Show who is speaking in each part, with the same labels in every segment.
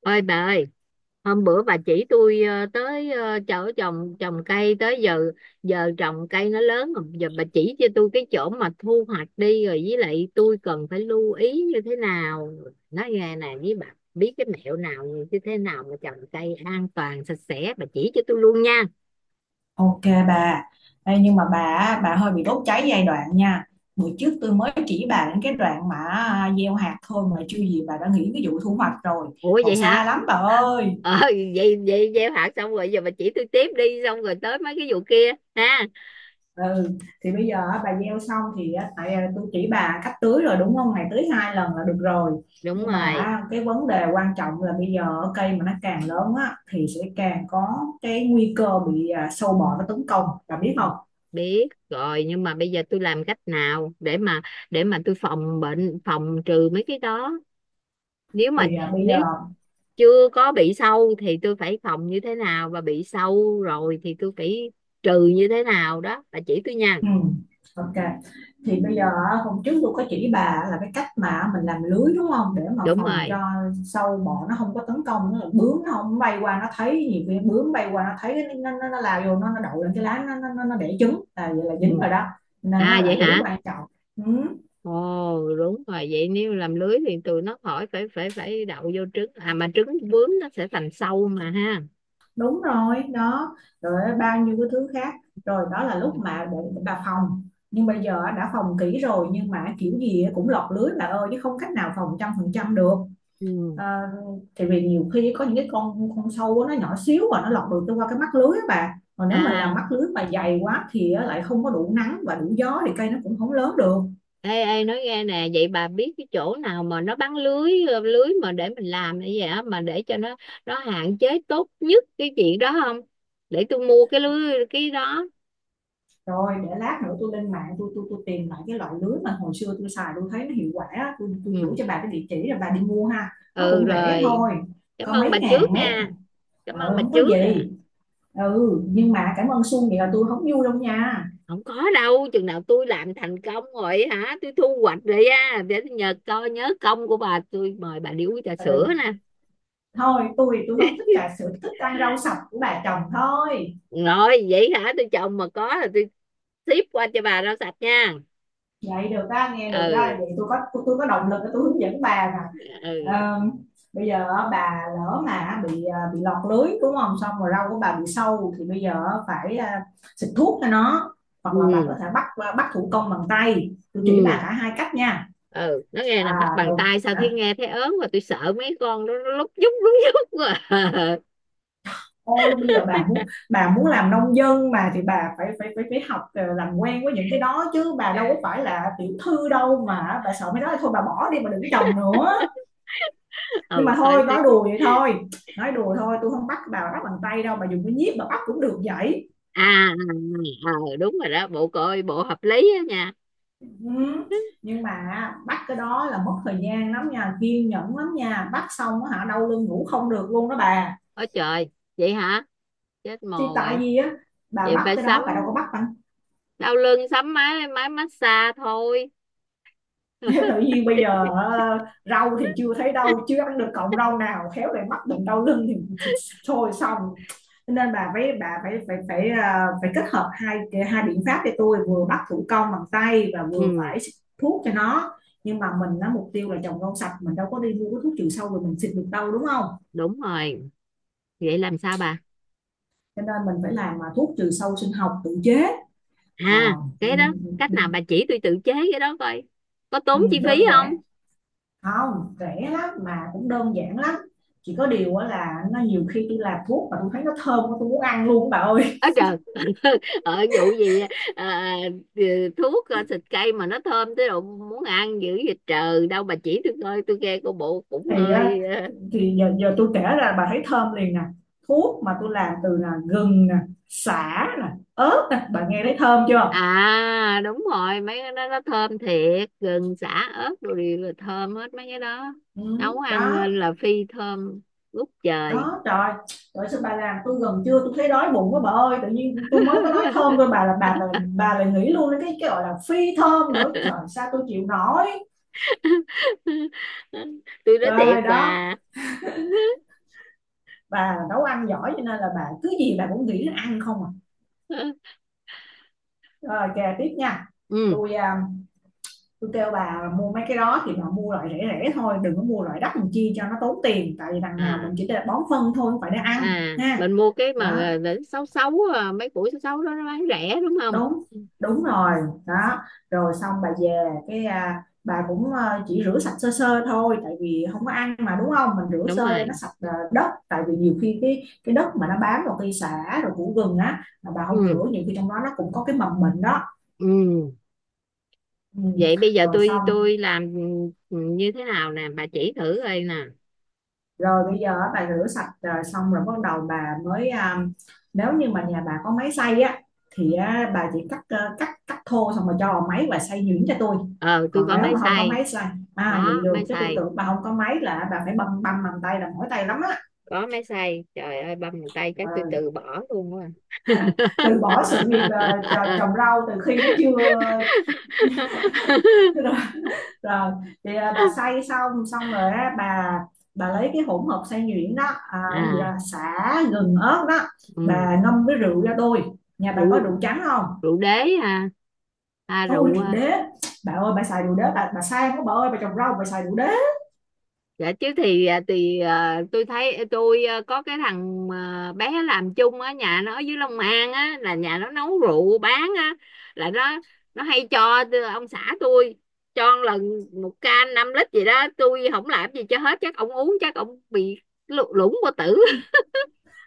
Speaker 1: Ôi bà ơi, hôm bữa bà chỉ tôi tới chỗ trồng trồng cây tới giờ, giờ trồng cây nó lớn rồi, giờ bà chỉ cho tôi cái chỗ mà thu hoạch đi rồi với lại tôi cần phải lưu ý như thế nào. Nói nghe nè với bà, biết cái mẹo nào, như thế nào mà trồng cây an toàn sạch sẽ bà chỉ cho tôi luôn nha.
Speaker 2: Ok bà, đây. Nhưng mà bà hơi bị đốt cháy giai đoạn nha. Bữa trước tôi mới chỉ bà đến cái đoạn mà gieo hạt thôi mà chưa gì bà đã nghĩ cái vụ thu hoạch rồi.
Speaker 1: Ủa
Speaker 2: Còn
Speaker 1: vậy
Speaker 2: xa
Speaker 1: hả?
Speaker 2: lắm bà ơi.
Speaker 1: Ờ, vậy vậy gieo hạt xong rồi giờ bà chỉ tôi tiếp đi xong rồi tới mấy cái vụ kia ha.
Speaker 2: Ừ, thì bây giờ á, bà gieo xong thì á, tôi chỉ bà cách tưới rồi đúng không? Ngày tưới 2 lần là được rồi.
Speaker 1: Đúng
Speaker 2: Nhưng mà
Speaker 1: rồi.
Speaker 2: á, cái vấn đề quan trọng là bây giờ á, cây mà nó càng lớn á thì sẽ càng có cái nguy cơ bị sâu bọ nó tấn công. Bà biết không?
Speaker 1: Biết rồi, nhưng mà bây giờ tôi làm cách nào để mà tôi phòng bệnh, phòng trừ mấy cái đó, nếu mà
Speaker 2: Thì à, bây
Speaker 1: nếu
Speaker 2: giờ
Speaker 1: chưa có bị sâu thì tôi phải phòng như thế nào, và bị sâu rồi thì tôi phải trừ như thế nào đó bà chỉ tôi nha.
Speaker 2: Ừ, ok. Thì bây giờ á, hôm trước tôi có chỉ bà là cái cách mà mình làm lưới đúng không? Để mà
Speaker 1: Đúng
Speaker 2: phòng
Speaker 1: rồi.
Speaker 2: cho sâu bọ nó không có tấn công, nó bướm nó không bay qua nó thấy. Nhiều khi bướm bay qua nó thấy nó lao vô, nó đậu lên cái lá, nó đẻ trứng là vậy là
Speaker 1: Ừ.
Speaker 2: dính rồi đó. Nên
Speaker 1: À
Speaker 2: nó là
Speaker 1: vậy
Speaker 2: lưới
Speaker 1: hả?
Speaker 2: quan trọng. Ừ,
Speaker 1: Ồ, đúng rồi, vậy nếu làm lưới thì tụi nó khỏi phải phải phải đậu vô trứng, à mà trứng bướm nó sẽ thành sâu mà ha.
Speaker 2: đúng rồi, đó. Rồi bao nhiêu cái thứ khác. Rồi đó là lúc mà để bà phòng, nhưng bây giờ đã phòng kỹ rồi nhưng mà kiểu gì cũng lọt lưới bà ơi, chứ không cách nào phòng 100% được.
Speaker 1: Ừ.
Speaker 2: À, tại vì nhiều khi có những cái con sâu nó nhỏ xíu và nó lọt được qua cái mắt lưới á bà, còn nếu mà làm
Speaker 1: À,
Speaker 2: mắt lưới mà dày quá thì á, lại không có đủ nắng và đủ gió thì cây nó cũng không lớn được.
Speaker 1: ê, ê, nói nghe nè, vậy bà biết cái chỗ nào mà nó bán lưới, lưới mà để mình làm như vậy á, mà để cho nó hạn chế tốt nhất cái chuyện đó không? Để tôi mua cái lưới cái đó.
Speaker 2: Rồi để lát nữa tôi lên mạng tôi tìm lại cái loại lưới mà hồi xưa tôi xài tôi thấy nó hiệu quả á. Tôi gửi
Speaker 1: Ừ.
Speaker 2: cho bà cái địa chỉ rồi bà đi mua ha. Nó
Speaker 1: Ừ
Speaker 2: cũng rẻ
Speaker 1: rồi.
Speaker 2: thôi,
Speaker 1: Cảm
Speaker 2: có
Speaker 1: ơn
Speaker 2: mấy
Speaker 1: bà trước
Speaker 2: ngàn mét.
Speaker 1: nha. Cảm ơn bà
Speaker 2: Không có
Speaker 1: trước à.
Speaker 2: gì. Ừ, nhưng mà cảm ơn Xuân vậy là tôi không vui đâu nha.
Speaker 1: Không có đâu, chừng nào tôi làm thành công rồi hả, tôi thu hoạch rồi á, để tôi nhờ coi nhớ công của bà, tôi mời bà đi uống trà sữa
Speaker 2: Ừ,
Speaker 1: nè.
Speaker 2: thôi tôi không thích trà sữa, thích ăn rau sạch của bà chồng thôi.
Speaker 1: Rồi, vậy hả, tôi trồng mà có là tôi ship qua cho bà rau sạch nha.
Speaker 2: Vậy được á nghe, được á,
Speaker 1: Ừ.
Speaker 2: vậy có động lực để tôi hướng dẫn bà mà.
Speaker 1: Ừ.
Speaker 2: Ờ, bây giờ á, bà lỡ mà bị lọt lưới đúng không, xong rồi rau của bà bị sâu thì bây giờ á, xịt thuốc cho nó, hoặc là bà có
Speaker 1: Ừ,
Speaker 2: thể bắt thủ công bằng tay. Tôi chỉ bà
Speaker 1: ừ,
Speaker 2: cả hai cách nha.
Speaker 1: ừ, nó nghe là
Speaker 2: À
Speaker 1: bắt bằng
Speaker 2: đầu
Speaker 1: tay sao thấy,
Speaker 2: hả,
Speaker 1: nghe thấy ớn, và tôi sợ mấy con nó lúc nhúc quá.
Speaker 2: ôi bây giờ bà muốn làm nông dân mà thì bà phải phải phải phải làm quen với những cái đó chứ, bà đâu có phải là tiểu thư đâu mà bà sợ. Mấy đó thôi bà bỏ đi mà đừng trồng nữa. Nhưng
Speaker 1: Ừ
Speaker 2: mà
Speaker 1: thôi
Speaker 2: thôi nói
Speaker 1: thế.
Speaker 2: đùa vậy thôi, nói đùa thôi, tôi không bắt bà bắt bằng tay đâu, bà dùng cái nhíp bà bắt cũng được vậy.
Speaker 1: À, à, à, ừ, đúng rồi đó, bộ coi bộ hợp lý á nha.
Speaker 2: Ừ. Nhưng mà bắt cái đó là mất thời gian lắm nha, kiên nhẫn lắm nha, bắt xong á hả đau lưng ngủ không được luôn đó bà.
Speaker 1: Ôi trời, vậy hả, chết mồ
Speaker 2: Thì tại
Speaker 1: rồi.
Speaker 2: vì á bà
Speaker 1: Vậy
Speaker 2: bắt
Speaker 1: phải
Speaker 2: cái
Speaker 1: sắm,
Speaker 2: đó bà đâu có bắt bằng…
Speaker 1: đau lưng sắm máy máy massage thôi.
Speaker 2: Tự nhiên bây giờ rau thì chưa thấy đâu, chưa ăn được cọng rau nào, khéo lại mắc bệnh đau lưng thì thôi xong. Nên bà phải phải phải ờ, phải kết hợp hai hai biện pháp cho tôi, vừa bắt thủ công bằng tay và vừa
Speaker 1: Ừ,
Speaker 2: phải xịt thuốc cho nó. Nhưng mà mình nó mục tiêu là trồng rau sạch, mình đâu có đi mua cái thuốc trừ sâu rồi mình xịt được đâu đúng không?
Speaker 1: đúng rồi. Vậy làm sao bà?
Speaker 2: Cho nên mình phải làm mà thuốc trừ sâu sinh học tự chế.
Speaker 1: À
Speaker 2: à, ừ,
Speaker 1: cái đó cách
Speaker 2: ừ,
Speaker 1: nào bà chỉ tôi tự chế cái đó coi? Có
Speaker 2: ừ,
Speaker 1: tốn chi phí
Speaker 2: Đơn
Speaker 1: không?
Speaker 2: giản, không rẻ lắm mà cũng đơn giản lắm. Chỉ có điều á là nó nhiều khi tôi làm thuốc mà tôi thấy nó thơm quá, tôi muốn ăn luôn bà ơi.
Speaker 1: Ở trời. Vụ gì? À, thuốc xịt cây mà nó thơm tới độ muốn ăn dữ vậy trời, đâu bà chỉ tôi coi, tôi nghe cô bộ cũng
Speaker 2: thì á,
Speaker 1: hơi ờ.
Speaker 2: thì giờ tôi kể ra bà thấy thơm liền nè. Thuốc mà tôi làm từ là gừng nè, sả nè, ớt nè, bà nghe thấy thơm chưa?
Speaker 1: À đúng rồi, mấy cái đó nó thơm thiệt, gừng, sả, ớt rồi đều là thơm hết mấy cái đó.
Speaker 2: Ừ,
Speaker 1: Nấu ăn
Speaker 2: đó.
Speaker 1: lên là phi thơm ngút trời.
Speaker 2: Đó trời, trời sao bà làm tôi gần trưa tôi thấy đói bụng quá bà ơi. Tự nhiên tôi mới có nói thơm thôi bà là bà lại nghĩ luôn đến cái gọi là phi thơm nữa, trời sao tôi chịu nổi.
Speaker 1: Tôi nói
Speaker 2: Trời
Speaker 1: thiệt mà.
Speaker 2: đó, bà nấu ăn giỏi cho nên là bà cứ gì bà cũng nghĩ đến ăn không à. Rồi kè tiếp nha.
Speaker 1: Ừ,
Speaker 2: tôi à, tôi kêu bà mua mấy cái đó thì bà mua loại rẻ rẻ thôi, đừng có mua loại đắt làm chi cho nó tốn tiền, tại vì đằng nào mình
Speaker 1: à,
Speaker 2: chỉ để bón phân thôi không phải để ăn
Speaker 1: à,
Speaker 2: ha.
Speaker 1: mình mua cái mà
Speaker 2: Đó,
Speaker 1: đến sáu sáu, mấy củ sáu sáu đó nó bán rẻ đúng không?
Speaker 2: đúng, đúng rồi đó. Rồi xong bà về bà chỉ rửa sạch sơ sơ thôi, tại vì không có ăn mà đúng không, mình rửa
Speaker 1: Đúng
Speaker 2: sơ cho nó
Speaker 1: rồi.
Speaker 2: sạch ờ, đất, tại vì nhiều khi cái đất mà nó bám vào cây sả rồi củ gừng á mà bà không
Speaker 1: Ừ.
Speaker 2: rửa, nhiều khi trong đó nó cũng có cái mầm bệnh đó.
Speaker 1: Ừ.
Speaker 2: Ừ.
Speaker 1: Vậy bây giờ
Speaker 2: Rồi
Speaker 1: tôi
Speaker 2: xong,
Speaker 1: tôi làm như thế nào nè bà chỉ thử coi nè?
Speaker 2: rồi bây giờ á, bà rửa sạch à, xong rồi bắt đầu nếu như mà nhà bà có máy xay á thì á, bà chỉ cắt à, cắt cắt thô xong rồi cho vào máy và xay nhuyễn cho tôi.
Speaker 1: Ờ tôi
Speaker 2: Còn
Speaker 1: có
Speaker 2: nếu
Speaker 1: máy
Speaker 2: mà không có
Speaker 1: xay.
Speaker 2: máy xay… À
Speaker 1: Có
Speaker 2: vậy được
Speaker 1: máy
Speaker 2: chứ, tôi
Speaker 1: xay,
Speaker 2: tưởng bà không có máy là bà phải băm băm bằng tay là mỏi tay lắm á.
Speaker 1: có máy xay, trời ơi, băm một tay
Speaker 2: Ờ,
Speaker 1: chắc tôi từ bỏ luôn quá.
Speaker 2: Từ bỏ sự nghiệp trồng trồng rau từ khi nó chưa… Rồi bà xay xong xong rồi á, bà lấy cái hỗn hợp xay nhuyễn đó, à, cái gì đó,
Speaker 1: À
Speaker 2: sả gừng ớt đó.
Speaker 1: ừ.
Speaker 2: Bà ngâm với rượu ra đôi, nhà bà có rượu
Speaker 1: rượu
Speaker 2: trắng không?
Speaker 1: rượu đế. À, à
Speaker 2: Ôi
Speaker 1: rượu
Speaker 2: rượu
Speaker 1: à,
Speaker 2: đế, bà ơi bà xài rượu đế, bà sang quá bà ơi, bà trồng rau bà xài rượu đế.
Speaker 1: dạ chứ thì tôi thấy có cái thằng bé làm chung ở nhà nó ở dưới Long An á, là nhà nó nấu rượu bán á, là nó hay cho ông xã tôi, cho một lần một can 5 lít gì đó, tôi không làm gì cho hết, chắc ông uống chắc ông bị lủng qua tử.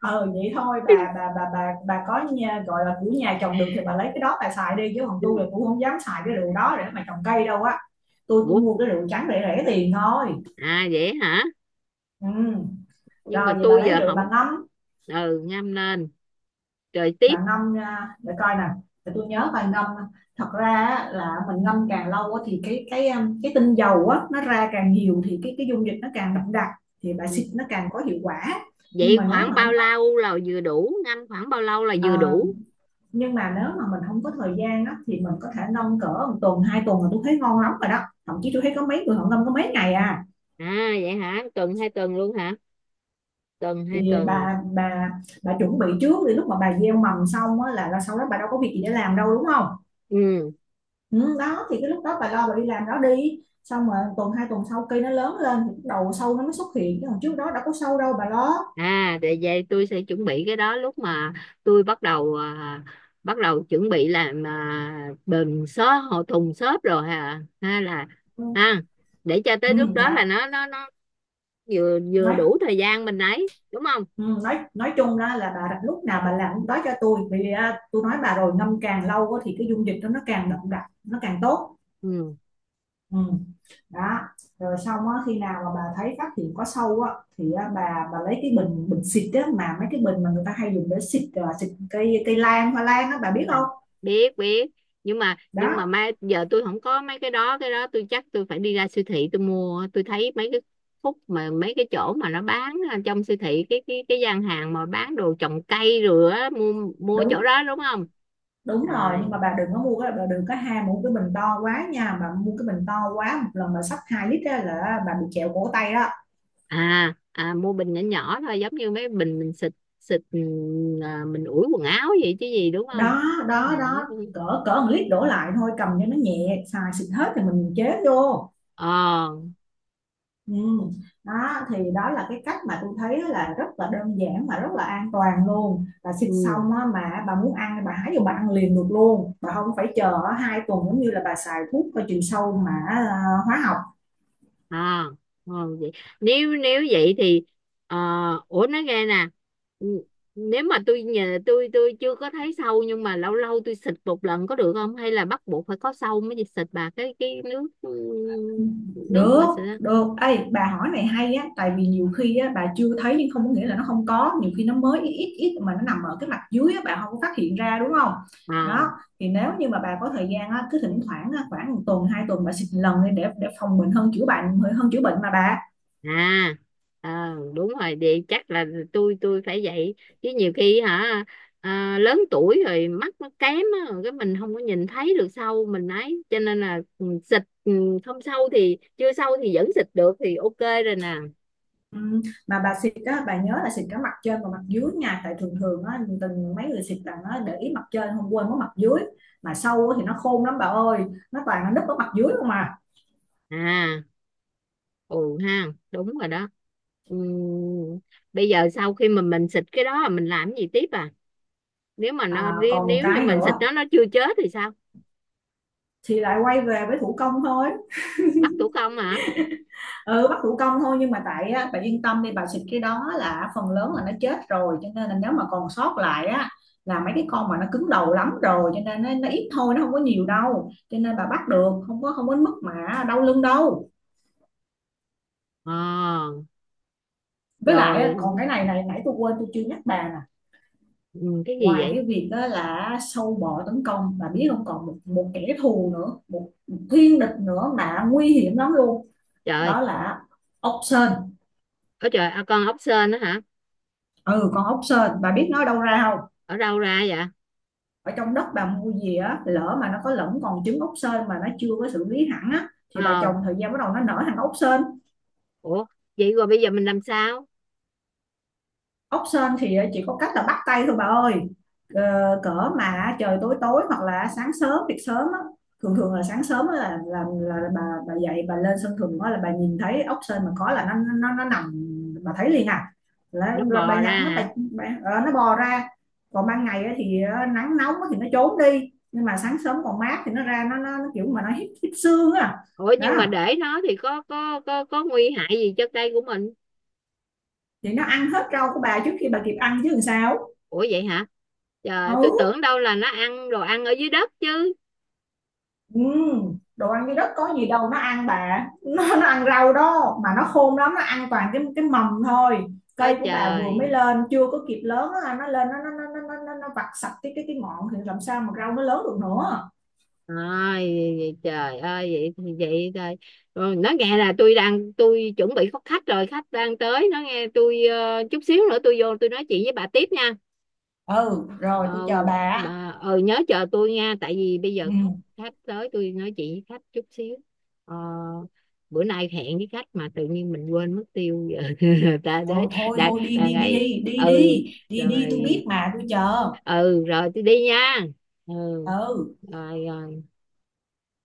Speaker 2: Ờ vậy thôi bà có nhà, gọi là của nhà trồng được thì bà lấy cái đó bà xài đi, chứ còn tôi là cũng không dám xài cái rượu đó để mà trồng cây đâu á. Tôi chỉ
Speaker 1: Ủa,
Speaker 2: mua cái rượu trắng rẻ rẻ tiền thôi.
Speaker 1: à vậy hả?
Speaker 2: Ừ.
Speaker 1: Nhưng mà
Speaker 2: Rồi vậy bà
Speaker 1: tôi
Speaker 2: lấy
Speaker 1: giờ
Speaker 2: rượu
Speaker 1: không.
Speaker 2: bà ngâm.
Speaker 1: Ừ ngâm lên. Trời tiếp.
Speaker 2: Bạn ngâm ra để coi nè, để tôi nhớ bài ngâm. Thật ra là mình ngâm càng lâu thì cái tinh dầu á nó ra càng nhiều thì cái dung dịch nó càng đậm đặc, thì bài xịt nó càng có hiệu quả. nhưng
Speaker 1: Vậy
Speaker 2: mà nếu
Speaker 1: khoảng
Speaker 2: mà
Speaker 1: bao
Speaker 2: không có
Speaker 1: lâu là vừa đủ, ngâm khoảng bao lâu là vừa
Speaker 2: à,
Speaker 1: đủ?
Speaker 2: nhưng mà nếu mà mình không có thời gian đó thì mình có thể ngâm cỡ 1 tuần 2 tuần là tôi thấy ngon lắm rồi đó. Thậm chí tôi thấy có mấy người họ ngâm có mấy ngày à.
Speaker 1: À vậy hả, tuần 2 tuần luôn hả? Tuần hai
Speaker 2: Thì
Speaker 1: tuần.
Speaker 2: bà chuẩn bị trước thì lúc mà bà gieo mầm xong á là sau đó bà đâu có việc gì để làm đâu đúng không?
Speaker 1: Ừ.
Speaker 2: Ừ, đó thì cái lúc đó bà lo bà đi làm đó đi, xong mà tuần 2 tuần sau cây nó lớn lên thì bắt đầu sâu nó mới xuất hiện, chứ còn trước đó đâu có sâu đâu bà lo.
Speaker 1: À để vậy tôi sẽ chuẩn bị cái đó lúc mà tôi bắt đầu bắt đầu chuẩn bị làm bình xốp hộ thùng xốp rồi hả ha, là
Speaker 2: Ừ,
Speaker 1: ha, để cho tới lúc
Speaker 2: ừ đó
Speaker 1: đó là nó vừa vừa
Speaker 2: nói
Speaker 1: đủ thời gian mình ấy đúng không?
Speaker 2: ừ, Nói chung đó là bà lúc nào bà làm lúc đó cho tôi, vì tôi nói bà rồi, ngâm càng lâu á thì cái dung dịch đó nó càng đậm đặc nó càng tốt.
Speaker 1: Ừ.
Speaker 2: Ừ, đó. Rồi xong á khi nào mà bà thấy phát hiện có sâu á thì á, bà lấy cái bình bình xịt á, mà mấy cái bình mà người ta hay dùng để xịt cây, cây lan hoa lan á, bà biết không?
Speaker 1: Biết biết, nhưng mà
Speaker 2: Đó,
Speaker 1: mai giờ tôi không có mấy cái đó, cái đó tôi chắc tôi phải đi ra siêu thị tôi mua. Tôi thấy mấy cái khúc mà mấy cái chỗ mà nó bán ở trong siêu thị, cái gian hàng mà bán đồ trồng cây rồi á, mua mua chỗ
Speaker 2: đúng,
Speaker 1: đó đúng không?
Speaker 2: đúng rồi.
Speaker 1: Rồi.
Speaker 2: Nhưng mà bà đừng có ham mua cái bình to quá nha, bà mua cái bình to quá một lần bà xách 2 lít á là bà bị trẹo cổ tay đó.
Speaker 1: À, à, mua bình nhỏ nhỏ thôi, giống như mấy bình mình xịt, ừ, à, mình ủi quần áo vậy chứ gì đúng không?
Speaker 2: đó
Speaker 1: Ờ.
Speaker 2: đó đó, cỡ cỡ 1 lít đổ lại thôi, cầm cho nó nhẹ, xài xịt hết thì mình chế vô.
Speaker 1: Ờ.
Speaker 2: Ừ. Đó thì đó là cái cách mà tôi thấy là rất là đơn giản mà rất là an toàn luôn. Bà xịt
Speaker 1: Ừ.
Speaker 2: xong á, mà bà muốn ăn bà hái vô bà ăn liền được luôn, bà không phải chờ 2 tuần giống như là bà xài thuốc có chiều sâu mà hóa học.
Speaker 1: À thôi vậy, nếu nếu vậy thì, ờ, ủa nói nghe nè, n- nếu mà tôi nhờ tôi chưa có thấy sâu nhưng mà lâu lâu tôi xịt một lần có được không, hay là bắt buộc phải có sâu mới xịt bà, cái nước nước mà
Speaker 2: Được,
Speaker 1: xịt á?
Speaker 2: được. Ê, bà hỏi này hay á, tại vì nhiều khi á, bà chưa thấy nhưng không có nghĩa là nó không có, nhiều khi nó mới ít ít ít mà nó nằm ở cái mặt dưới á, bà không có phát hiện ra đúng không? Đó,
Speaker 1: À.
Speaker 2: thì nếu như mà bà có thời gian á, cứ thỉnh thoảng á, khoảng 1 tuần, 2 tuần bà xịt lần đi để phòng bệnh hơn chữa bệnh hơn chữa bệnh mà bà.
Speaker 1: À, ờ, đúng rồi, vậy chắc là tôi phải vậy chứ nhiều khi hả, lớn tuổi rồi mắt nó kém á, cái mình không có nhìn thấy được sâu mình ấy, cho nên là xịt không sâu thì chưa sâu thì vẫn xịt được thì OK rồi nè.
Speaker 2: Ừ, mà bà xịt á, bà nhớ là xịt cả mặt trên và mặt dưới nha, tại thường thường á, từng mấy người xịt là nó để ý mặt trên không, quên mất mặt dưới, mà sâu á thì nó khôn lắm bà ơi, nó toàn nó núp ở mặt dưới không mà.
Speaker 1: À, ừ ha, đúng rồi đó. Ừ, bây giờ sau khi mà mình xịt cái đó mình làm cái gì tiếp à, nếu mà
Speaker 2: À,
Speaker 1: nó, nếu
Speaker 2: còn một
Speaker 1: nếu như
Speaker 2: cái
Speaker 1: mình xịt
Speaker 2: nữa,
Speaker 1: nó chưa chết thì sao?
Speaker 2: thì lại quay về với thủ công thôi.
Speaker 1: Bắt tủ công hả?
Speaker 2: Ừ bắt thủ công thôi, nhưng mà tại á, bà yên tâm đi, bà xịt cái đó là phần lớn là nó chết rồi, cho nên là nếu mà còn sót lại á là mấy cái con mà nó cứng đầu lắm rồi, cho nên nó ít thôi nó không có nhiều đâu, cho nên bà bắt được, không có mức mà đau lưng đâu.
Speaker 1: Ờ
Speaker 2: Với lại
Speaker 1: rồi.
Speaker 2: á, còn cái này này nãy tôi quên tôi chưa nhắc bà nè.
Speaker 1: Ừ, cái gì
Speaker 2: Ngoài
Speaker 1: vậy?
Speaker 2: cái việc đó là sâu bọ tấn công bà biết không, còn một kẻ thù nữa, một thiên địch nữa mà nguy hiểm lắm luôn.
Speaker 1: Trời,
Speaker 2: Đó là ốc sên.
Speaker 1: ở trời, con ốc sên đó hả?
Speaker 2: Ừ con ốc sên, bà biết nó đâu ra không?
Speaker 1: Ở đâu ra vậy?
Speaker 2: Ở trong đất bà mua gì á, lỡ mà nó có lẫn còn trứng ốc sên mà nó chưa có xử lý hẳn á, thì bà trồng
Speaker 1: Ờ,
Speaker 2: thời gian bắt đầu nó nở thành ốc sên.
Speaker 1: ủa, vậy rồi bây giờ mình làm sao?
Speaker 2: Ốc sên thì chỉ có cách là bắt tay thôi bà ơi. Ờ, cỡ mà trời tối tối hoặc là sáng sớm việc sớm á, thường thường là sáng sớm á là là bà dậy bà lên sân thượng á, là bà nhìn thấy ốc sên mà có là nó nằm, bà thấy liền à,
Speaker 1: Nó
Speaker 2: là bà
Speaker 1: bò
Speaker 2: nhặt
Speaker 1: ra
Speaker 2: nó bà,
Speaker 1: hả?
Speaker 2: nó bò ra. Còn ban ngày á thì ờ, nắng nóng á thì nó trốn đi, nhưng mà sáng sớm còn mát thì nó ra, nó kiểu mà nó hít hít xương á.
Speaker 1: Ủa
Speaker 2: Đó
Speaker 1: nhưng mà để nó thì có nguy hại gì cho cây của mình?
Speaker 2: thì nó ăn hết rau của bà trước khi bà kịp ăn chứ làm sao.
Speaker 1: Ủa vậy hả? Trời, tôi
Speaker 2: Ừ.
Speaker 1: tưởng đâu là nó ăn đồ ăn ở dưới đất chứ.
Speaker 2: Đồ ăn cái đất có gì đâu nó ăn bà. Nó ăn rau đó mà, nó khôn lắm, nó ăn toàn cái mầm thôi.
Speaker 1: Ôi
Speaker 2: Cây của bà vừa mới
Speaker 1: trời.
Speaker 2: lên chưa có kịp lớn á, nó lên nó vặt sạch cái ngọn thì làm sao mà rau nó lớn được nữa.
Speaker 1: Ôi trời ơi, vậy thì vậy thôi. Ừ, nó nghe là tôi đang, tôi chuẩn bị có khách rồi, khách đang tới, nó nghe tôi chút xíu nữa tôi vô tôi nói chuyện với bà tiếp nha.
Speaker 2: Ừ rồi tôi
Speaker 1: Ờ,
Speaker 2: chờ bà á.
Speaker 1: bà nhớ chờ tôi nha, tại vì bây giờ khách,
Speaker 2: Ừ
Speaker 1: khách tới tôi nói chuyện với khách chút xíu. ờ, bữa nay hẹn với khách mà tự nhiên mình quên mất tiêu giờ. Ta đấy.
Speaker 2: rồi, thôi
Speaker 1: đang
Speaker 2: thôi đi
Speaker 1: đang
Speaker 2: đi
Speaker 1: ấy.
Speaker 2: đi đi
Speaker 1: Ừ
Speaker 2: đi đi đi tôi
Speaker 1: rồi.
Speaker 2: biết mà tôi chờ.
Speaker 1: Ừ rồi tôi đi nha. Ừ.
Speaker 2: Ừ.
Speaker 1: Rồi. Ờ,